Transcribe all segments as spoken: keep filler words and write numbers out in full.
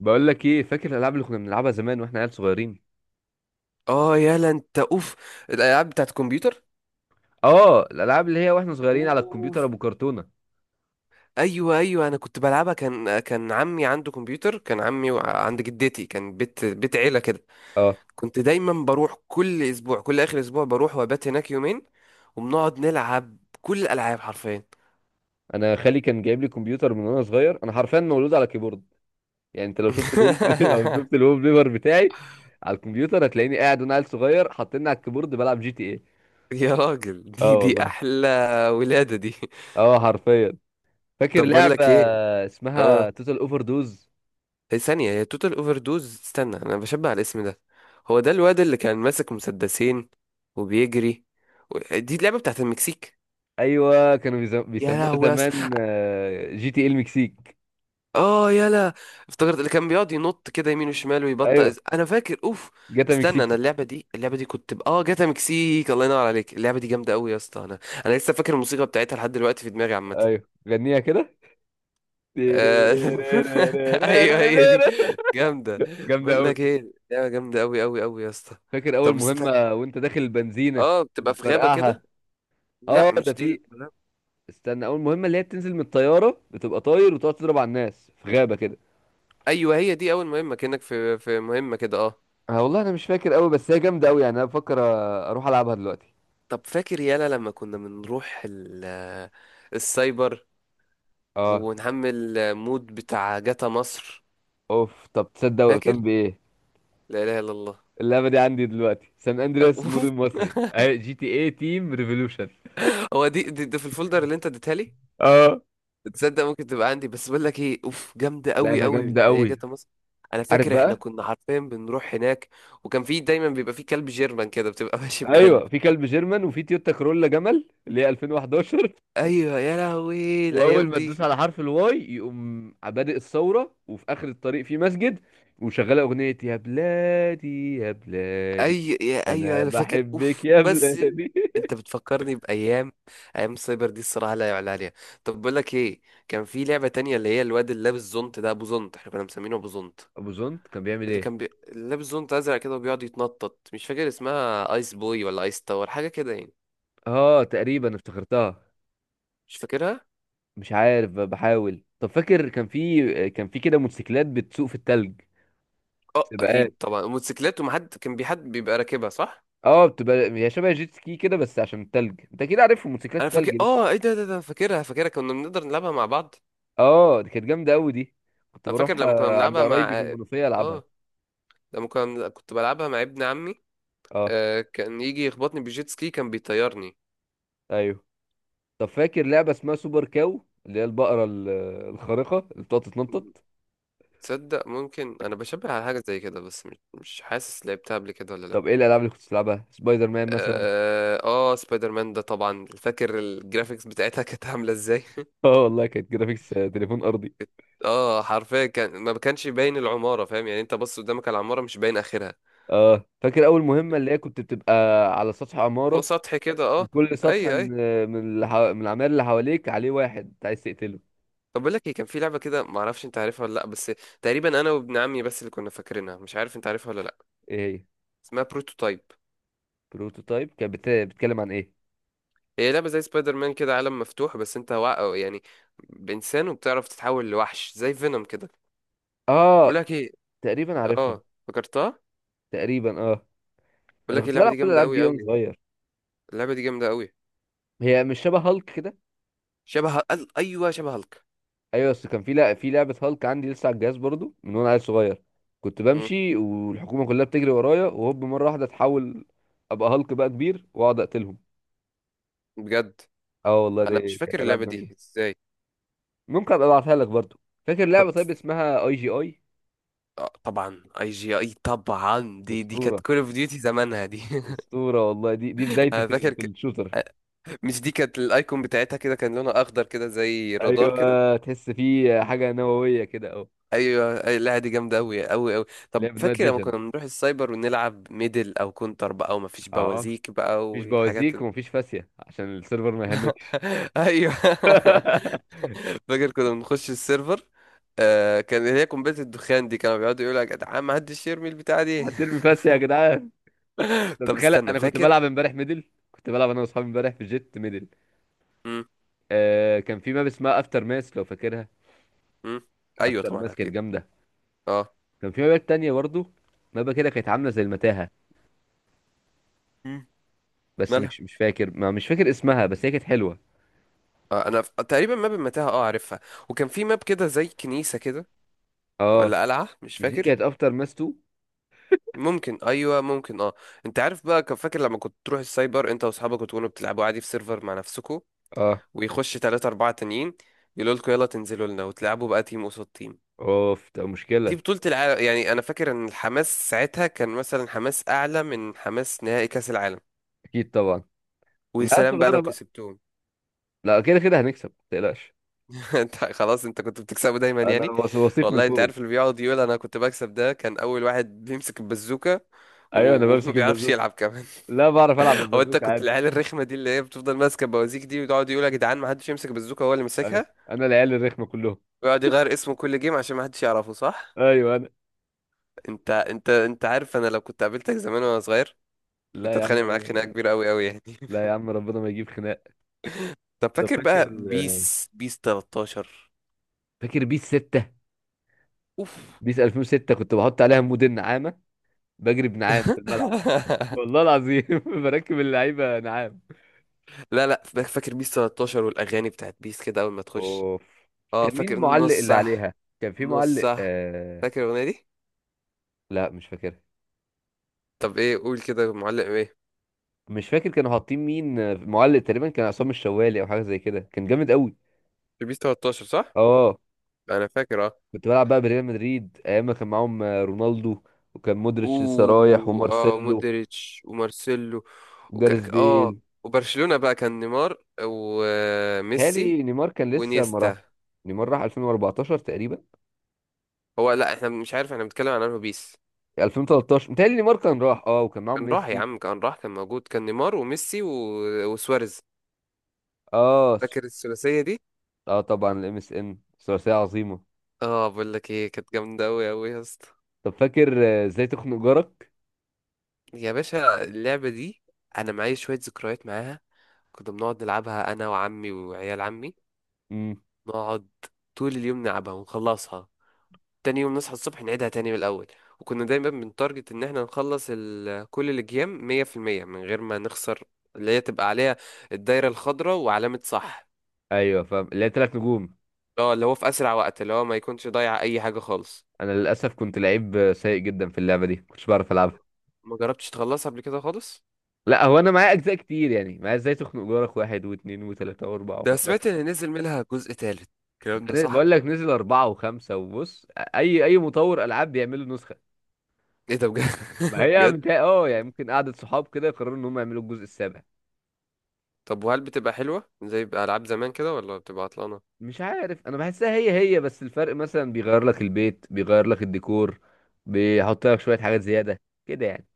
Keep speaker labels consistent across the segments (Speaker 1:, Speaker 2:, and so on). Speaker 1: بقول لك ايه، فاكر الالعاب اللي كنا بنلعبها زمان واحنا عيال صغيرين؟
Speaker 2: اه، يلا انت. اوف، الالعاب بتاعت الكمبيوتر.
Speaker 1: اه، الالعاب اللي هي واحنا صغيرين على الكمبيوتر
Speaker 2: اوف،
Speaker 1: ابو كرتونه.
Speaker 2: ايوه ايوه، انا كنت بلعبها. كان كان عمي عنده كمبيوتر. كان عمي وع- عند جدتي، كان بيت بيت عيله كده.
Speaker 1: اه،
Speaker 2: كنت دايما بروح كل اسبوع، كل اخر اسبوع بروح وابات هناك يومين، وبنقعد نلعب كل الالعاب حرفيا.
Speaker 1: انا خالي كان جايب لي كمبيوتر من وانا صغير. انا حرفيا مولود على كيبورد. يعني انت لو شفت الويب لو شفت الويب بيبر بتاعي على الكمبيوتر، هتلاقيني قاعد وانا عيل صغير حاطيني على الكيبورد بلعب جي تي ايه.
Speaker 2: يا راجل،
Speaker 1: اه
Speaker 2: دي دي
Speaker 1: والله.
Speaker 2: احلى ولاده دي.
Speaker 1: اه حرفيا. فاكر
Speaker 2: طب بقول
Speaker 1: لعبه
Speaker 2: لك ايه. اه،
Speaker 1: اسمها توتال اوفر دوز.
Speaker 2: هي ثانية، هي توتال اوفر دوز، استنى انا بشبه على الاسم ده. هو ده الواد اللي كان ماسك مسدسين وبيجري، و- دي اللعبة بتاعت المكسيك.
Speaker 1: ايوه، كانوا بيز-
Speaker 2: يا
Speaker 1: بيسموها
Speaker 2: لهوي يا اسطى.
Speaker 1: زمان آه، جي تي ايه المكسيك.
Speaker 2: اه يلا. افتكرت اللي كان بيقعد ينط كده يمين وشمال ويبطأ
Speaker 1: ايوه،
Speaker 2: إز- انا فاكر اوف.
Speaker 1: جاتا
Speaker 2: استنى، انا
Speaker 1: مكسيكي.
Speaker 2: اللعبة دي، اللعبة دي كنت ب... اه، جاتا مكسيك، الله ينور عليك. اللعبة دي جامدة قوي يا اسطى. انا انا لسه فاكر الموسيقى بتاعتها لحد دلوقتي في دماغي عامة.
Speaker 1: ايوه، غنيها كده.
Speaker 2: آه، ايوه هي دي. جامدة.
Speaker 1: جامدة
Speaker 2: بقول
Speaker 1: أوي.
Speaker 2: لك ايه، لعبة جامدة قوي قوي قوي يا اسطى.
Speaker 1: فاكر أول
Speaker 2: طب استنى،
Speaker 1: مهمة وأنت داخل البنزينة
Speaker 2: اه بتبقى في غابة
Speaker 1: وبتفرقعها.
Speaker 2: كده. لا
Speaker 1: أه، ده
Speaker 2: مش دي
Speaker 1: في.
Speaker 2: الم-
Speaker 1: استنى، أول مهمة اللي هي بتنزل من الطيارة بتبقى طاير وتقعد تضرب على الناس في غابة كده.
Speaker 2: ايوه هي دي اول مهمة، كأنك في في مهمة كده، اه.
Speaker 1: أه والله، أنا مش فاكر أوي بس هي جامدة أوي، يعني أنا بفكر أ- أروح ألعبها دلوقتي.
Speaker 2: طب فاكر يالا لما كنا بنروح ال- السايبر
Speaker 1: أه.
Speaker 2: ونحمل مود بتاع جاتا مصر؟
Speaker 1: أوف، طب تصدق
Speaker 2: فاكر؟
Speaker 1: وقفتان بإيه؟
Speaker 2: لا اله الا الله.
Speaker 1: اللعبة دي عندي دلوقتي، سان أندرياس
Speaker 2: اوف
Speaker 1: مود المصري أهي جي تي إيه تيم ريفولوشن.
Speaker 2: هو دي, دي, دي في الفولدر اللي انت اديتها لي.
Speaker 1: أه،
Speaker 2: تصدق ممكن تبقى عندي، بس بقول لك ايه، اوف جامده قوي
Speaker 1: لعبة
Speaker 2: قوي
Speaker 1: جامدة
Speaker 2: اللي هي
Speaker 1: أوي.
Speaker 2: جاتا مصر. انا
Speaker 1: عارف
Speaker 2: فاكر احنا
Speaker 1: بقى.
Speaker 2: كنا حرفيا بنروح هناك، وكان في دايما بيبقى في كلب جيرمان كده، بتبقى ماشي
Speaker 1: ايوه
Speaker 2: بكلب.
Speaker 1: في كلب جيرمان وفي تويوتا كرولا جمل اللي هي ألفين وحداشر.
Speaker 2: ايوه يا لهوي
Speaker 1: واول
Speaker 2: الايام
Speaker 1: ما تدوس
Speaker 2: دي.
Speaker 1: على حرف الواي يقوم بادئ الثوره، وفي اخر الطريق في مسجد وشغاله اغنيه يا بلادي يا بلادي.
Speaker 2: اي يا ايوه
Speaker 1: انا
Speaker 2: انا فاكر
Speaker 1: بحبك
Speaker 2: اوف
Speaker 1: يا
Speaker 2: بس.
Speaker 1: بلادي
Speaker 2: انت بتفكرني بايام، ايام السايبر دي الصراحه لا يعلى عليها. طب بقول لك ايه، كان في لعبه تانية، اللي هي الواد اللي لابس زونت ده، ابو زونت، احنا كنا مسمينه ابو زونت.
Speaker 1: ابو زنت كان بيعمل
Speaker 2: اللي
Speaker 1: ايه؟
Speaker 2: كان بي... اللي لابس زونت ازرق كده وبيقعد يتنطط، مش فاكر اسمها ايس بوي ولا ايس تاور، حاجه كده يعني.
Speaker 1: اه تقريبا افتكرتها.
Speaker 2: مش فاكرها.
Speaker 1: مش عارف، ب- بحاول. طب فاكر كان في كان في كده موتوسيكلات بتسوق في التلج؟
Speaker 2: اه
Speaker 1: سباقات.
Speaker 2: اكيد طبعا الموتوسيكلات، ومحد كان بي حد بيبقى راكبها، صح؟
Speaker 1: اه، بتبقى هي شبه جيت سكي كده بس عشان التلج. انت كده عارف موتوسيكلات
Speaker 2: انا فاكر،
Speaker 1: التلج.
Speaker 2: اه، ايه ده ده ده فاكرها فاكرها، كنا بنقدر نلعبها مع بعض.
Speaker 1: اه دي كانت جامده قوي دي. كنت
Speaker 2: انا فاكر
Speaker 1: بروح
Speaker 2: لما كنا
Speaker 1: آه، عند
Speaker 2: بنلعبها
Speaker 1: قرايبي في
Speaker 2: مع،
Speaker 1: المنوفيه العبها.
Speaker 2: اه، لما كان كنت بلعبها مع ابن عمي.
Speaker 1: اه.
Speaker 2: آه، كان يجي يخبطني بالجيت سكي، كان بيطيرني.
Speaker 1: ايوه. طب فاكر لعبه اسمها سوبر كاو، اللي هي البقره ال- الخارقه اللي بتقعد تتنطط؟
Speaker 2: تصدق ممكن انا بشبه على حاجه زي كده، بس مش مش حاسس لعبتها قبل كده ولا لا.
Speaker 1: طب ايه الالعاب اللي كنت بتلعبها؟ سبايدر مان مثلا؟
Speaker 2: اه، آه، سبايدر مان ده طبعا فاكر، الجرافيكس بتاعتها كانت عامله ازاي.
Speaker 1: اه والله، كانت جرافيكس آه، تليفون ارضي.
Speaker 2: اه حرفيا، كان ما كانش باين العماره، فاهم يعني، انت بص قدامك على العماره مش باين اخرها.
Speaker 1: اه، فاكر اول مهمه اللي هي كنت بتبقى على سطح
Speaker 2: فوق
Speaker 1: عماره؟
Speaker 2: سطح كده، اه.
Speaker 1: وكل سطح
Speaker 2: اي اي.
Speaker 1: من آه، من اللي حو- من العمال اللي حواليك عليه واحد أنت عايز تقتله.
Speaker 2: طب بقول لك ايه، كان في لعبه كده، ما اعرفش انت عارفها ولا لا، بس تقريبا انا وابن عمي بس اللي كنا فاكرينها، مش عارف انت عارفها ولا لا.
Speaker 1: ايه هي
Speaker 2: اسمها بروتوتايب.
Speaker 1: بروتوتايب؟ كانت بت- بتتكلم عن ايه؟
Speaker 2: هي لعبة زي سبايدر مان كده، عالم مفتوح، بس انت وا... أو يعني بإنسان، وبتعرف تتحول لوحش زي فينوم كده. بقول
Speaker 1: اه
Speaker 2: لك ايه.
Speaker 1: تقريبا عارفها.
Speaker 2: اه فكرتها.
Speaker 1: تقريبا اه.
Speaker 2: بقول
Speaker 1: انا
Speaker 2: لك إيه،
Speaker 1: كنت
Speaker 2: اللعبة
Speaker 1: بلعب
Speaker 2: دي
Speaker 1: كل
Speaker 2: جامدة
Speaker 1: الالعاب
Speaker 2: قوي
Speaker 1: دي وانا
Speaker 2: قوي.
Speaker 1: صغير.
Speaker 2: اللعبة دي جامدة قوي.
Speaker 1: هي مش شبه هالك كده؟
Speaker 2: شبه هل- ايوه شبه هالك.
Speaker 1: ايوه بس كان في، لا في لعبه هالك عندي لسه على الجهاز برضو من وانا عيل صغير. كنت
Speaker 2: مم،
Speaker 1: بمشي والحكومه كلها بتجري ورايا، وهوب مره واحده اتحول ابقى هالك بقى كبير واقعد اقتلهم.
Speaker 2: بجد.
Speaker 1: اه والله،
Speaker 2: انا مش
Speaker 1: دي
Speaker 2: فاكر
Speaker 1: كانت العاب
Speaker 2: اللعبة دي
Speaker 1: جميله.
Speaker 2: ازاي.
Speaker 1: ممكن ابقى ابعتها لك برضو. فاكر
Speaker 2: طب،
Speaker 1: لعبه طيب اسمها اي جي اي؟
Speaker 2: آه، طبعا اي جي اي، طبعا دي دي كانت
Speaker 1: اسطوره.
Speaker 2: كول اوف ديوتي زمانها دي.
Speaker 1: اسطوره والله. دي دي بدايتي
Speaker 2: انا
Speaker 1: في ال...
Speaker 2: فاكر
Speaker 1: في
Speaker 2: ك...
Speaker 1: الشوتر.
Speaker 2: آه، مش دي كانت الايكون بتاعتها كده، كان لونها اخضر كده زي رادار كده.
Speaker 1: ايوه، تحس فيه حاجه نوويه كده اه.
Speaker 2: ايوه أي- لا دي جامده قوي قوي قوي. طب
Speaker 1: لعبه نايت
Speaker 2: فاكر لما كنا
Speaker 1: فيجن.
Speaker 2: بنروح السايبر ونلعب ميدل او كونتر بقى، وما فيش
Speaker 1: اه،
Speaker 2: بوازيك بقى
Speaker 1: مفيش
Speaker 2: والحاجات
Speaker 1: بوازيك
Speaker 2: ال...
Speaker 1: ومفيش فاسيه عشان السيرفر ما يهنكش.
Speaker 2: ايوه فاكر كنا بنخش السيرفر. آه، كان هي قنبله الدخان دي، كانوا بيقعدوا يقولوا يا جدعان ما حدش يرمي البتاعه دي.
Speaker 1: هترمي بس يا جدعان. انت
Speaker 2: طب
Speaker 1: متخيل
Speaker 2: استنى
Speaker 1: انا كنت
Speaker 2: فاكر.
Speaker 1: بلعب امبارح ميدل؟ كنت بلعب انا واصحابي امبارح في جيت ميدل.
Speaker 2: امم.
Speaker 1: آه، كان في ماب اسمها افتر ماس لو فاكرها.
Speaker 2: امم. ايوه
Speaker 1: افتر
Speaker 2: طبعا
Speaker 1: ماس كانت
Speaker 2: اكيد.
Speaker 1: جامده.
Speaker 2: اه.
Speaker 1: كان في مابات تانية برضه. مابة كده كانت عامله زي المتاهه.
Speaker 2: امم.
Speaker 1: بس
Speaker 2: مالها.
Speaker 1: مش مش فاكر ما مش فاكر اسمها بس هي كانت حلوه.
Speaker 2: آه انا ف- تقريبا ماب المتاهه، اه عارفها. وكان في ماب كده زي كنيسه كده،
Speaker 1: اه.
Speaker 2: ولا قلعه مش
Speaker 1: مش دي
Speaker 2: فاكر.
Speaker 1: كانت افتر ماس تو؟
Speaker 2: ممكن، ايوه ممكن اه. انت عارف بقى، كان فاكر لما كنت تروح السايبر انت واصحابك وتكونوا بتلعبوا عادي في سيرفر مع نفسكوا،
Speaker 1: اه.
Speaker 2: ويخش تلاتة اربعة تانيين يقولوا لكم يلا تنزلوا لنا وتلعبوا بقى تيم قصاد تيم.
Speaker 1: اوف ده
Speaker 2: دي
Speaker 1: مشكله.
Speaker 2: بطولة العالم يعني، انا فاكر ان الحماس ساعتها كان مثلا حماس اعلى من حماس نهائي كاس العالم.
Speaker 1: اكيد طبعا.
Speaker 2: ويا
Speaker 1: كنا عيال
Speaker 2: سلام بقى
Speaker 1: صغيره
Speaker 2: لو
Speaker 1: بقى.
Speaker 2: كسبتهم.
Speaker 1: لا كده كده هنكسب، ما تقلقش.
Speaker 2: انت خلاص انت كنت بتكسبه دايما
Speaker 1: انا
Speaker 2: يعني.
Speaker 1: وث- وثيق من
Speaker 2: والله انت عارف
Speaker 1: الفوز.
Speaker 2: اللي بيقعد يقول انا كنت بكسب، ده كان اول واحد بيمسك البزوكة
Speaker 1: ايوه انا
Speaker 2: و- وما
Speaker 1: بمسك
Speaker 2: بيعرفش
Speaker 1: البازوكه.
Speaker 2: يلعب كمان.
Speaker 1: لا، بعرف العب
Speaker 2: هو انت
Speaker 1: البازوكه
Speaker 2: كنت
Speaker 1: عادي.
Speaker 2: العيال الرخمه دي، اللي هي بتفضل ماسكه بوازيك دي، ويقعد يقول يا جدعان ما حدش يمسك بازوكه، هو اللي
Speaker 1: ايوه،
Speaker 2: مسكها.
Speaker 1: انا العيال الرخمه كلهم.
Speaker 2: ويقعد يغير اسمه كل جيم عشان ما حدش يعرفه، صح؟
Speaker 1: ايوه، انا.
Speaker 2: انت انت انت عارف انا لو كنت قابلتك زمان وانا صغير،
Speaker 1: لا
Speaker 2: كنت
Speaker 1: يا عم.
Speaker 2: اتخانق معاك خناقه كبيره قوي قوي يعني.
Speaker 1: لا يا عم، ربنا ما يجيب خناق.
Speaker 2: طب
Speaker 1: طب
Speaker 2: فاكر
Speaker 1: فاكر.
Speaker 2: بقى بيس بيس تلتاشر؟
Speaker 1: فاكر بيس ستة؟
Speaker 2: اوف.
Speaker 1: بيس ألفين وستة كنت بحط عليها مود النعامه، بجري بنعام في الملعب. والله العظيم بركب اللعيبه نعام.
Speaker 2: لا لا، فا- فاكر بيس تلتاشر، والاغاني بتاعت بيس كده اول ما تخش؟
Speaker 1: اوف.
Speaker 2: اه
Speaker 1: كان مين
Speaker 2: فاكر
Speaker 1: معلق
Speaker 2: نص
Speaker 1: اللي
Speaker 2: صح.
Speaker 1: عليها؟ كان في
Speaker 2: نص
Speaker 1: معلق
Speaker 2: صح.
Speaker 1: آه...
Speaker 2: فاكر الاغنيه دي؟
Speaker 1: لا مش فاكر.
Speaker 2: طب ايه، قول كده، معلق ايه؟
Speaker 1: مش فاكر كانوا حاطين مين. آه، معلق تقريبا كان عصام الشوالي او حاجه زي كده، كان جامد قوي.
Speaker 2: في بيس تلتاشر صح.
Speaker 1: اه.
Speaker 2: انا فاكر. آه.
Speaker 1: كنت بلعب بقى بريال مدريد ايام ما كان معاهم آه، رونالدو. وكان
Speaker 2: و
Speaker 1: مودريتش لسه رايح
Speaker 2: اه
Speaker 1: ومارسيلو.
Speaker 2: مودريتش ومارسيلو. وك...
Speaker 1: وجاريث
Speaker 2: اه
Speaker 1: بيل.
Speaker 2: وبرشلونة بقى كان نيمار وميسي
Speaker 1: متهيألي نيمار كان لسه ما راحش.
Speaker 2: ونيستا.
Speaker 1: نيمار راح ألفين وأربعتاشر تقريبا.
Speaker 2: هو لا احنا مش عارف، احنا بنتكلم عن انه بيس.
Speaker 1: ألفين وتلتاشر متهيألي نيمار كان راح، اه وكان معاهم
Speaker 2: كان راح يا
Speaker 1: ميسي.
Speaker 2: عم كان راح، كان موجود، كان نيمار وميسي و... وسواريز.
Speaker 1: اه س-
Speaker 2: فاكر الثلاثية دي.
Speaker 1: اه طبعا الام اس ان ثلاثية عظيمة.
Speaker 2: اه بقول لك ايه، كانت جامدة قوي قوي يا اسطى.
Speaker 1: طب فاكر آه، ازاي تخنق جارك؟
Speaker 2: يا باشا اللعبة دي، انا معايا شوية ذكريات معاها. كنا بنقعد نلعبها انا وعمي وعيال عمي،
Speaker 1: امم.
Speaker 2: نقعد طول اليوم نلعبها ونخلصها، تاني يوم نصحى الصبح نعيدها تاني من الأول. وكنا دايما بنتارجت إن احنا نخلص ال- كل الجيم مية في المية من غير ما نخسر، اللي هي تبقى عليها الدايرة الخضراء وعلامة صح.
Speaker 1: ايوه فاهم، اللي هي تلات نجوم.
Speaker 2: اه، اللي هو في أسرع وقت، اللي هو ما يكونش ضايع أي حاجة خالص.
Speaker 1: انا للاسف كنت لعيب آه، سيء جدا في اللعبة دي، كنتش بعرف العبها.
Speaker 2: ما جربتش تخلصها قبل كده خالص؟
Speaker 1: لا، هو انا معايا اجزاء كتير يعني، معايا ازاي تخنق جارك واحد واثنين وثلاثة واربعة
Speaker 2: ده
Speaker 1: وخمسة بس.
Speaker 2: سمعت إن نزل منها جزء تالت، الكلام ده
Speaker 1: أنا
Speaker 2: صح؟
Speaker 1: بقول لك، نزل اربعة وخمسة وبص. اي اي مطور العاب بيعملوا نسخة.
Speaker 2: إيه ده بجد؟
Speaker 1: ما هي
Speaker 2: بجد؟
Speaker 1: متهيأ اه يعني، ممكن قعدة صحاب كده يقرروا ان هم يعملوا الجزء السابع.
Speaker 2: طب وهل بتبقى حلوة زي ألعاب زمان كده، ولا بتبقى عطلانة؟
Speaker 1: مش عارف، انا بحسها هي هي، بس الفرق مثلا بيغير لك البيت، بيغير لك الديكور، بيحط لك شوية حاجات زيادة كده يعني.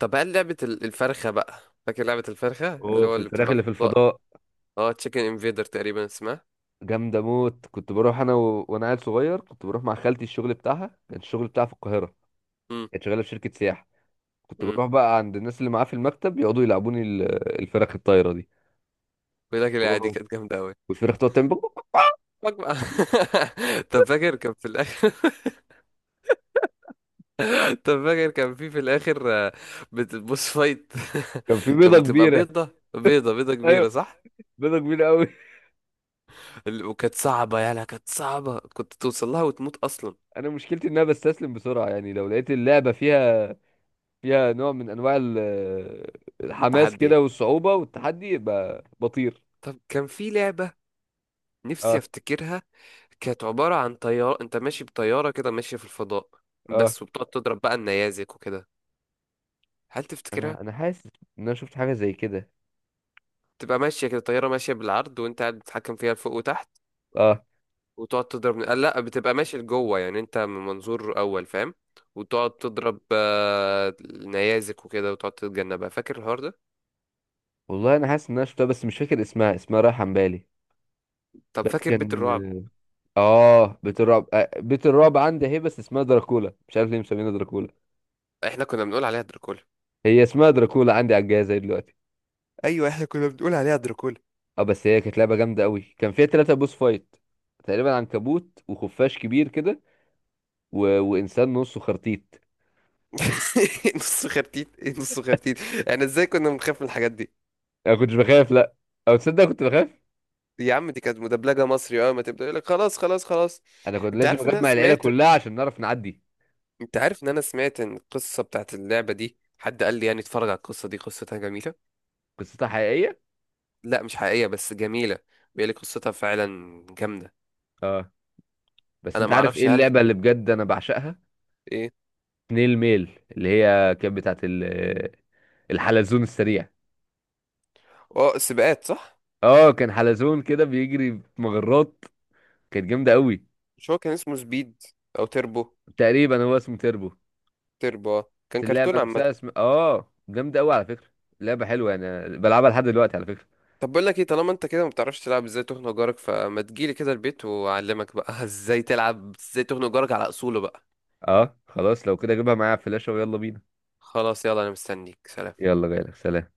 Speaker 2: طب هل لعبة ال- الفرخة بقى، فاكر لعبة الفرخة اللي هو
Speaker 1: اوف،
Speaker 2: اللي
Speaker 1: الفراخ
Speaker 2: بتبقى في
Speaker 1: اللي في
Speaker 2: الفضاء؟
Speaker 1: الفضاء.
Speaker 2: اه تشيكن انفيدر تقريبا اسمها.
Speaker 1: جامدة موت. كنت بروح انا و... وانا عيل صغير، كنت بروح مع خالتي. الشغل بتاعها كان، الشغل بتاعها في القاهرة. كانت شغالة في شركة سياحة. كنت
Speaker 2: امم.
Speaker 1: بروح بقى عند الناس اللي معاه في المكتب يقعدوا يلعبوني ال- الفراخ الطايرة دي.
Speaker 2: بيقول لك العيادي
Speaker 1: اوه.
Speaker 2: كانت جامده قوي.
Speaker 1: والفراخ تقعد تعمل بق- بق- بق.
Speaker 2: طب فاكر كان في الاخر، طب فاكر كان في في الاخر، آه، بت- بوس فايت.
Speaker 1: كان في
Speaker 2: كانت
Speaker 1: بيضة
Speaker 2: بتبقى
Speaker 1: كبيرة.
Speaker 2: بيضه. بيضه بيضه كبيره
Speaker 1: ايوه،
Speaker 2: صح.
Speaker 1: بيضة كبيرة قوي.
Speaker 2: ال- وكانت صعبه يالا، كانت صعبه، كنت توصل لها وتموت اصلا.
Speaker 1: انا مشكلتي ان انا بستسلم بسرعه، يعني لو لقيت اللعبه فيها، فيها نوع من انواع ال- الحماس
Speaker 2: تحدي.
Speaker 1: كده والصعوبه والتحدي، يبقى بطير.
Speaker 2: طب كان في لعبه، نفسي
Speaker 1: اه.
Speaker 2: افتكرها، كانت عباره عن طياره، انت ماشي بطياره كده ماشيه في الفضاء
Speaker 1: اه
Speaker 2: بس، وبتقعد تضرب بقى النيازك وكده، هل تفتكرها؟
Speaker 1: انا انا حاسس ان انا شفت حاجه زي كده.
Speaker 2: تبقى ماشيه كده، طياره ماشيه بالعرض وانت قاعد بتتحكم فيها لفوق وتحت،
Speaker 1: اه
Speaker 2: وتقعد تضرب، آه، لا بتبقى ماشي لجوه يعني، انت من منظور اول فاهم، وتقعد تضرب آه، نيازك وكده وتقعد تتجنبها، فاكر الحوار ده؟
Speaker 1: والله، انا حاسس ان انا شفتها بس مش فاكر اسمها اسمها رايحه عن بالي.
Speaker 2: طب
Speaker 1: بس
Speaker 2: فاكر بيت الرعب؟
Speaker 1: كان. اه، بيت الرعب. آه، بيت الرعب عندي اهي بس اسمها دراكولا، مش عارف ليه مسمينها دراكولا.
Speaker 2: احنا كنا بنقول عليها دراكولا.
Speaker 1: هي اسمها دراكولا عندي على الجهاز أهي دلوقتي.
Speaker 2: ايوه احنا كنا بنقول عليها دراكولا.
Speaker 1: اه، بس هي كانت لعبه جامده قوي، كان فيها ثلاثة بوس فايت تقريبا. عنكبوت وخفاش كبير كده، و... وانسان نصه خرتيت.
Speaker 2: نص خرتيت، ايه نص خرتيت؟ احنا ازاي كنا بنخاف من الحاجات دي؟
Speaker 1: انا كنتش بخاف، لا. او تصدق كنت بخاف.
Speaker 2: يا عم دي كانت مدبلجه مصري، اه، ما تبدا يقول لك خلاص خلاص خلاص.
Speaker 1: انا كنت
Speaker 2: انت
Speaker 1: لازم
Speaker 2: عارف ان انا
Speaker 1: اجمع العيله
Speaker 2: سمعت،
Speaker 1: كلها عشان نعرف نعدي.
Speaker 2: انت عارف ان انا سمعت ان القصه بتاعت اللعبه دي، حد قال لي يعني اتفرج على القصه دي، قصتها جميله.
Speaker 1: قصتها حقيقيه.
Speaker 2: لا مش حقيقية، بس جميلة. بيقول لي قصتها فعلا جامدة.
Speaker 1: اه، بس
Speaker 2: انا
Speaker 1: انت
Speaker 2: ما
Speaker 1: عارف
Speaker 2: اعرفش،
Speaker 1: ايه
Speaker 2: هل
Speaker 1: اللعبه اللي بجد انا بعشقها؟
Speaker 2: ايه؟
Speaker 1: سنيل ميل، اللي هي كانت بتاعت ال... الحلزون السريع.
Speaker 2: اه سباقات صح.
Speaker 1: اه، كان حلزون كده بيجري في مجرات، كانت جامده قوي.
Speaker 2: مش هو كان اسمه سبيد او تربو؟
Speaker 1: تقريبا هو اسمه تيربو.
Speaker 2: تربو آه. كان
Speaker 1: بس اللعبه
Speaker 2: كرتون عامة.
Speaker 1: نفسها اسم اه، جامده قوي على فكره. لعبه حلوه انا بلعبها لحد دلوقتي على فكره.
Speaker 2: طب بقول لك ايه، طالما انت كده ما بتعرفش تلعب ازاي تخنق جارك، فما تجيلي كده البيت واعلمك بقى ازاي تلعب ازاي تخنق جارك على اصوله بقى.
Speaker 1: اه خلاص، لو كده اجيبها معايا على الفلاشه ويلا بينا.
Speaker 2: خلاص يلا انا مستنيك، سلام.
Speaker 1: يلا، جايلك سلام.